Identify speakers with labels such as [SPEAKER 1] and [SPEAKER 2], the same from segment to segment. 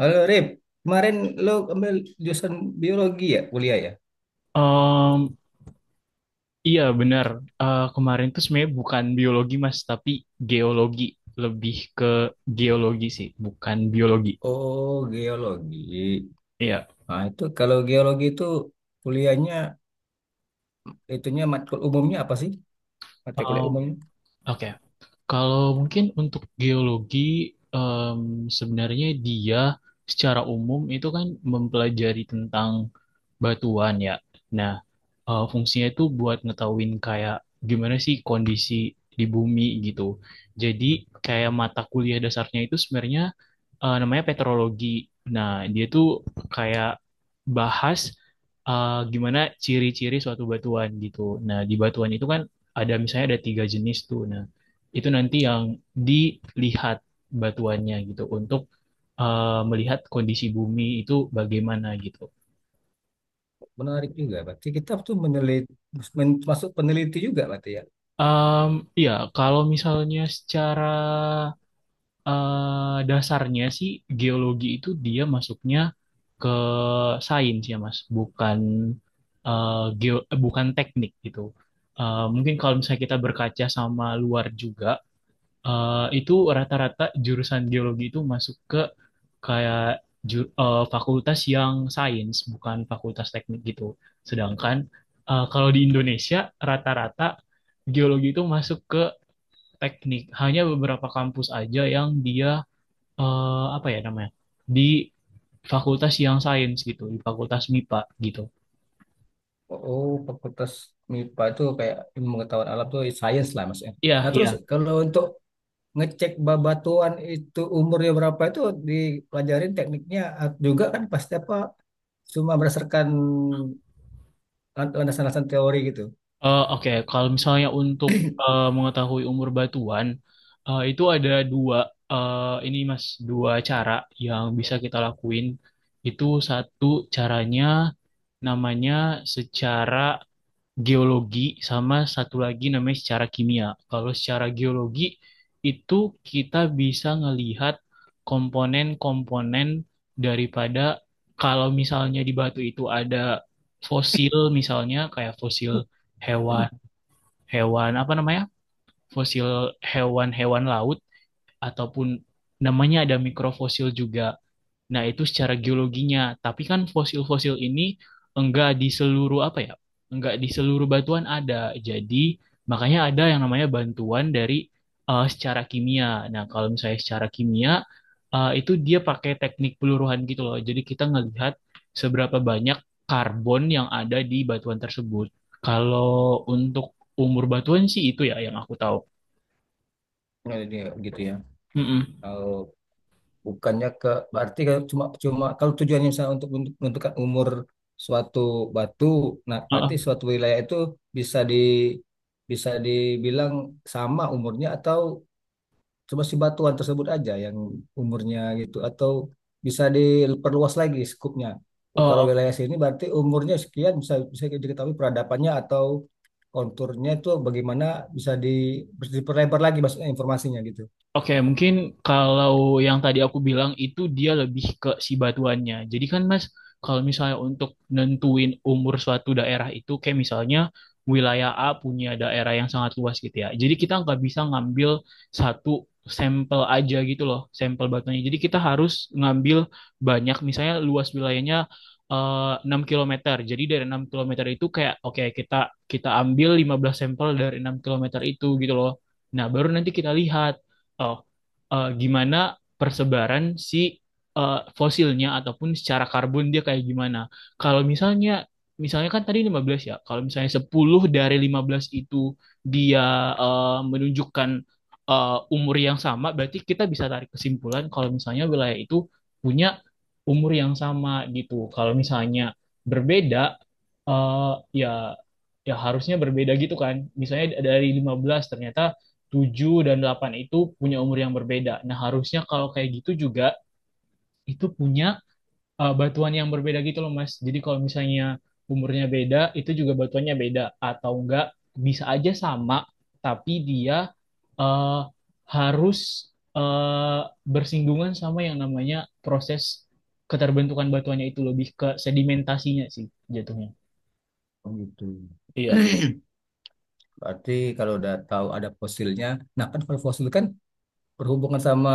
[SPEAKER 1] Halo Rip, kemarin lo ambil jurusan biologi ya, kuliah ya?
[SPEAKER 2] Em, iya benar. Kemarin tuh sebenarnya bukan biologi Mas, tapi geologi. Lebih ke geologi sih, bukan biologi.
[SPEAKER 1] Oh, geologi.
[SPEAKER 2] Iya.
[SPEAKER 1] Nah, itu kalau geologi itu kuliahnya, itunya matkul umumnya apa sih? Mata kuliah
[SPEAKER 2] Em,
[SPEAKER 1] umumnya.
[SPEAKER 2] Oke. Kalau mungkin untuk geologi, em, sebenarnya dia secara umum itu kan mempelajari tentang batuan ya. Nah, fungsinya itu buat ngetahuin kayak gimana sih kondisi di bumi gitu. Jadi kayak mata kuliah dasarnya itu sebenarnya namanya petrologi. Nah, dia tuh kayak bahas gimana ciri-ciri suatu batuan gitu. Nah, di batuan itu kan ada misalnya ada tiga jenis tuh. Nah, itu nanti yang dilihat batuannya gitu untuk melihat kondisi bumi itu bagaimana gitu.
[SPEAKER 1] Menarik juga, berarti kita tuh meneliti, masuk peneliti juga berarti ya?
[SPEAKER 2] Iya, ya, kalau misalnya secara dasarnya sih geologi itu dia masuknya ke sains ya Mas, bukan teknik gitu. Mungkin kalau misalnya kita berkaca sama luar juga, itu rata-rata jurusan geologi itu masuk ke kayak fakultas yang sains, bukan fakultas teknik gitu. Sedangkan kalau di Indonesia rata-rata geologi itu masuk ke teknik. Hanya beberapa kampus aja yang dia apa ya namanya? Di fakultas yang sains gitu, di fakultas MIPA gitu.
[SPEAKER 1] Oh, fakultas MIPA itu kayak ilmu pengetahuan alam tuh science lah maksudnya.
[SPEAKER 2] Iya,
[SPEAKER 1] Nah, terus
[SPEAKER 2] iya.
[SPEAKER 1] kalau untuk ngecek babatuan itu umurnya berapa itu dipelajarin tekniknya juga kan pasti apa cuma berdasarkan landasan-landasan teori gitu.
[SPEAKER 2] Oke. Kalau misalnya untuk mengetahui umur batuan, itu ada dua eh, ini Mas, dua cara yang bisa kita lakuin. Itu satu caranya namanya secara geologi sama satu lagi namanya secara kimia. Kalau secara geologi itu kita bisa ngelihat komponen-komponen daripada kalau misalnya di batu itu ada fosil misalnya kayak fosil hewan hewan apa namanya? Fosil hewan-hewan laut ataupun namanya ada mikrofosil juga. Nah, itu secara geologinya. Tapi kan fosil-fosil ini enggak di seluruh apa ya? Enggak di seluruh batuan ada. Jadi, makanya ada yang namanya bantuan dari secara kimia. Nah, kalau misalnya secara kimia itu dia pakai teknik peluruhan gitu loh. Jadi, kita ngelihat seberapa banyak karbon yang ada di batuan tersebut. Kalau untuk umur batuan sih itu ya yang aku tahu.
[SPEAKER 1] Nah, ini gitu ya.
[SPEAKER 2] Mm-mm.
[SPEAKER 1] Kalau bukannya ke berarti kalau cuma cuma kalau tujuannya misalnya menentukan umur suatu batu, nah berarti
[SPEAKER 2] Heeh.
[SPEAKER 1] suatu wilayah itu bisa di bisa dibilang sama umurnya atau cuma si batuan tersebut aja yang umurnya gitu atau bisa diperluas lagi skupnya. Oh, kalau
[SPEAKER 2] Eh,
[SPEAKER 1] wilayah sini berarti umurnya sekian bisa bisa diketahui peradabannya atau konturnya itu bagaimana bisa di, diperlebar lagi maksudnya informasinya gitu.
[SPEAKER 2] Oke, mungkin kalau yang tadi aku bilang itu dia lebih ke si batuannya. Jadi kan Mas, kalau misalnya untuk nentuin umur suatu daerah itu kayak misalnya wilayah A punya daerah yang sangat luas gitu ya. Jadi kita nggak bisa ngambil satu sampel aja gitu loh, sampel batuannya. Jadi kita harus ngambil banyak, misalnya luas wilayahnya 6 km. Jadi dari 6 km itu kayak oke, kita kita ambil 15 sampel dari 6 km itu gitu loh. Nah, baru nanti kita lihat oh, gimana persebaran si fosilnya ataupun secara karbon dia kayak gimana. Kalau misalnya misalnya kan tadi 15 ya. Kalau misalnya 10 dari 15 itu dia menunjukkan umur yang sama, berarti kita bisa tarik kesimpulan kalau misalnya wilayah itu punya umur yang sama gitu. Kalau misalnya berbeda eh, ya, ya harusnya berbeda gitu kan. Misalnya dari 15 ternyata 7 dan 8 itu punya umur yang berbeda. Nah, harusnya kalau kayak gitu juga itu punya batuan yang berbeda gitu loh, Mas. Jadi kalau misalnya umurnya beda, itu juga batuannya beda atau enggak bisa aja sama, tapi dia eh, harus eh, bersinggungan sama yang namanya proses keterbentukan batuannya itu lebih ke sedimentasinya sih jatuhnya.
[SPEAKER 1] Oh, gitu.
[SPEAKER 2] Iya.
[SPEAKER 1] Berarti kalau udah tahu ada fosilnya, nah kan kalau fosil kan berhubungan sama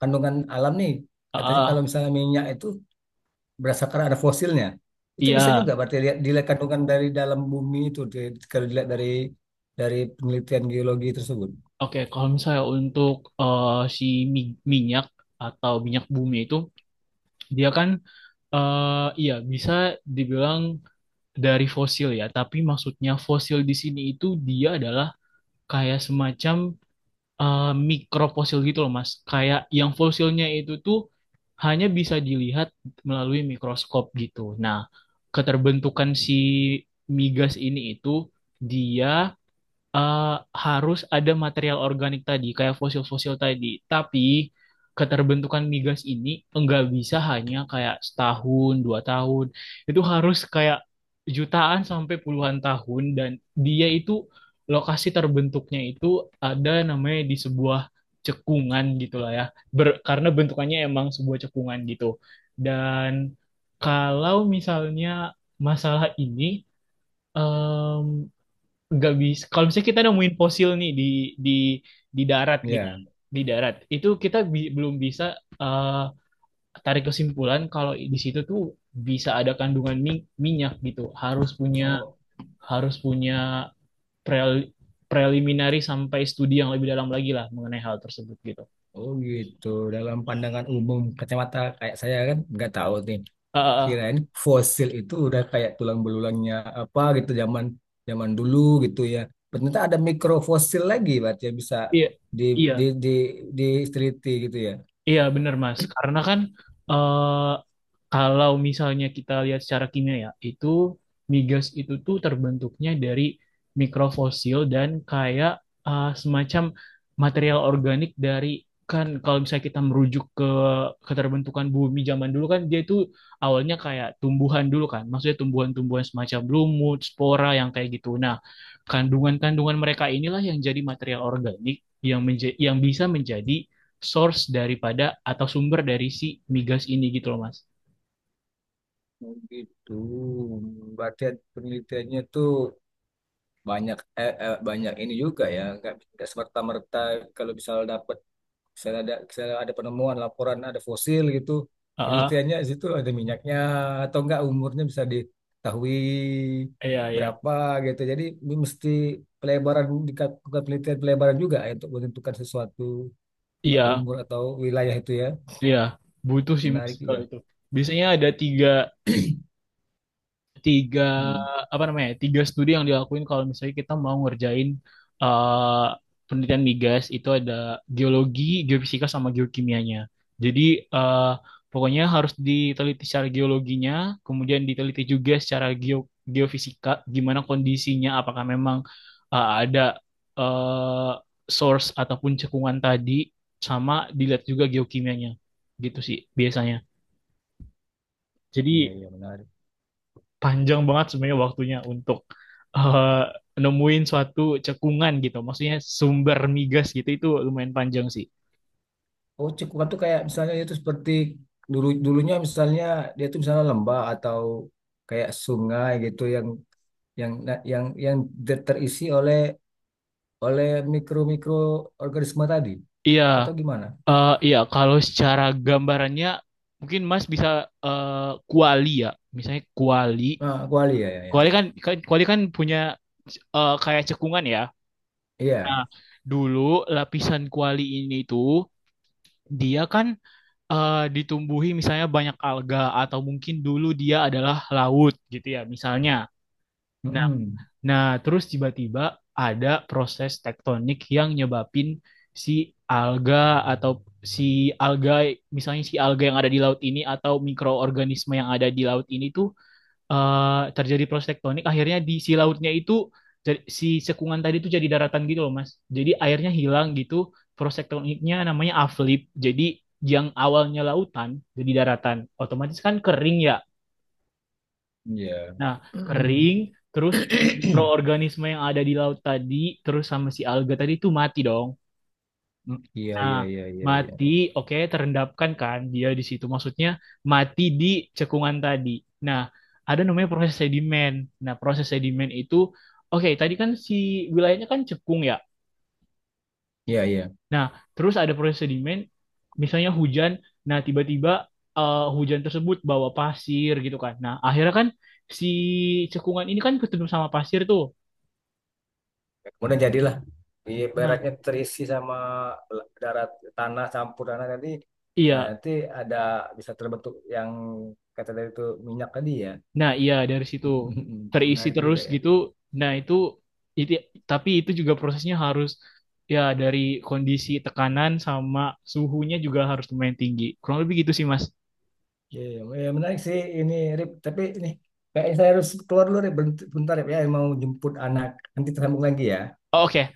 [SPEAKER 1] kandungan alam nih.
[SPEAKER 2] Ah,
[SPEAKER 1] Katanya kalau
[SPEAKER 2] ah,
[SPEAKER 1] misalnya minyak itu berdasarkan ada fosilnya. Itu bisa
[SPEAKER 2] iya.
[SPEAKER 1] juga berarti dilihat kandungan dari dalam bumi itu kalau dilihat dari penelitian geologi tersebut.
[SPEAKER 2] Oke, kalau misalnya untuk eh, si minyak atau minyak bumi itu, dia kan iya bisa dibilang dari fosil ya, tapi maksudnya fosil di sini itu dia adalah kayak semacam mikrofosil gitu loh, Mas. Kayak yang fosilnya itu tuh hanya bisa dilihat melalui mikroskop gitu. Nah, keterbentukan si migas ini itu dia eh, harus ada material organik tadi, kayak fosil-fosil tadi. Tapi keterbentukan migas ini enggak bisa hanya kayak setahun, 2 tahun. Itu harus kayak jutaan sampai puluhan tahun dan dia itu lokasi terbentuknya itu ada namanya di sebuah cekungan gitulah ya. Karena bentukannya emang sebuah cekungan gitu. Dan kalau misalnya masalah ini nggak bisa kalau misalnya kita nemuin fosil nih di di di darat gitu,
[SPEAKER 1] Ya.
[SPEAKER 2] di darat itu kita belum bisa eh, tarik kesimpulan kalau di situ tuh bisa ada kandungan minyak gitu. harus punya
[SPEAKER 1] Oh,
[SPEAKER 2] harus punya prel- preliminary sampai studi yang lebih dalam lagi lah mengenai hal tersebut gitu.
[SPEAKER 1] oh, gitu. Dalam pandangan umum kacamata kayak saya kan nggak tahu nih.
[SPEAKER 2] Eh, eh, eh.
[SPEAKER 1] Kirain fosil itu udah kayak tulang belulangnya apa gitu zaman zaman dulu gitu ya. Ternyata ada mikrofosil lagi berarti yang bisa
[SPEAKER 2] Iya,
[SPEAKER 1] di
[SPEAKER 2] iya.
[SPEAKER 1] di diteliti gitu ya.
[SPEAKER 2] Iya bener Mas, karena kan eh, kalau misalnya kita lihat secara kimia ya, itu migas itu tuh terbentuknya dari mikrofosil dan kayak semacam material organik dari kan kalau misalnya kita merujuk ke keterbentukan bumi zaman dulu kan dia itu awalnya kayak tumbuhan dulu kan, maksudnya tumbuhan-tumbuhan semacam lumut, spora yang kayak gitu. Nah, kandungan-kandungan mereka inilah yang jadi material organik yang bisa menjadi source daripada atau sumber dari si migas ini gitu loh Mas.
[SPEAKER 1] Oh, gitu. Berarti penelitiannya tuh banyak banyak ini juga ya nggak semerta merta kalau misal dapat misalnya ada penemuan laporan ada fosil gitu
[SPEAKER 2] Ah, ah,
[SPEAKER 1] penelitiannya di situ ada minyaknya atau enggak umurnya bisa diketahui
[SPEAKER 2] iya, iya,
[SPEAKER 1] berapa gitu jadi ini mesti pelebaran dilakukan penelitian pelebaran juga ya untuk menentukan sesuatu
[SPEAKER 2] iya,
[SPEAKER 1] umur atau wilayah itu ya
[SPEAKER 2] iya, butuh sih Mas
[SPEAKER 1] menarik
[SPEAKER 2] kalau
[SPEAKER 1] juga.
[SPEAKER 2] itu. Biasanya ada tiga tiga
[SPEAKER 1] Hmm.
[SPEAKER 2] apa namanya tiga studi yang dilakuin kalau misalnya kita mau ngerjain eh, penelitian migas itu ada geologi, geofisika sama geokimianya. Jadi eh, pokoknya harus diteliti secara geologinya, kemudian diteliti juga secara geofisika gimana kondisinya, apakah memang ada eh, source ataupun cekungan tadi, sama dilihat juga geokimianya, gitu sih biasanya.
[SPEAKER 1] Iya,
[SPEAKER 2] Jadi
[SPEAKER 1] iya, menarik.
[SPEAKER 2] panjang banget sebenarnya waktunya untuk eh, nemuin suatu cekungan gitu. Maksudnya sumber migas gitu itu lumayan panjang sih.
[SPEAKER 1] Oh, cekuan tuh kayak misalnya itu seperti dulu dulunya misalnya dia tuh misalnya lembah atau kayak sungai gitu yang yang terisi oleh oleh mikro-mikro organisme tadi
[SPEAKER 2] Iya,
[SPEAKER 1] atau gimana?
[SPEAKER 2] iya kalau secara gambarannya mungkin Mas bisa eh, kuali ya. Misalnya kuali.
[SPEAKER 1] Nah, kuali ya, ya, ya.
[SPEAKER 2] Kuali kan kan, kuali kan punya kayak cekungan ya.
[SPEAKER 1] Iya.
[SPEAKER 2] Nah, dulu lapisan kuali ini tuh dia kan ditumbuhi misalnya banyak alga atau mungkin dulu dia adalah laut gitu ya misalnya. Nah,
[SPEAKER 1] Mm-mm.
[SPEAKER 2] Nah, terus tiba-tiba ada proses tektonik yang nyebabin si alga atau si alga, misalnya si alga yang ada di laut ini atau mikroorganisme yang ada di laut ini tuh terjadi proses tektonik. Akhirnya di si lautnya itu si cekungan tadi tuh jadi daratan gitu loh, Mas. Jadi airnya hilang gitu. Proses tektoniknya namanya uplift. Jadi yang awalnya lautan jadi daratan. Otomatis kan kering ya.
[SPEAKER 1] Iya.
[SPEAKER 2] Nah,
[SPEAKER 1] Mm-mm.
[SPEAKER 2] kering, terus mikroorganisme yang ada di laut tadi, terus sama si alga tadi itu mati dong.
[SPEAKER 1] Mm, iya,
[SPEAKER 2] Nah,
[SPEAKER 1] iya, iya, iya, iya.
[SPEAKER 2] mati, oke, terendapkan kan dia di situ. Maksudnya mati di cekungan tadi. Nah, ada namanya proses sedimen. Nah, proses sedimen itu, oke, tadi kan si wilayahnya kan cekung ya.
[SPEAKER 1] Iya, iya.
[SPEAKER 2] Nah, terus ada proses sedimen, misalnya hujan, nah tiba-tiba hujan tersebut bawa pasir gitu kan. Nah, akhirnya kan si cekungan ini kan ketemu sama pasir tuh.
[SPEAKER 1] Kemudian jadilah
[SPEAKER 2] Nah,
[SPEAKER 1] ibaratnya terisi sama darat tanah tadi. Nah,
[SPEAKER 2] iya,
[SPEAKER 1] nanti ada bisa terbentuk yang kata dari itu minyak tadi ya.
[SPEAKER 2] nah iya dari situ terisi
[SPEAKER 1] Menarik
[SPEAKER 2] terus
[SPEAKER 1] juga ya.
[SPEAKER 2] gitu. Nah, itu, tapi itu juga prosesnya harus ya dari kondisi tekanan sama suhunya juga harus lumayan tinggi. Kurang lebih gitu sih Mas.
[SPEAKER 1] Iya, iya. Ya, menarik sih ini Rip, tapi ini kayaknya saya harus keluar dulu Rip, bentar Rip ya, mau jemput anak. Nanti tersambung lagi ya.
[SPEAKER 2] Oh, oke,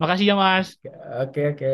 [SPEAKER 2] makasih ya Mas.
[SPEAKER 1] Oke, oke.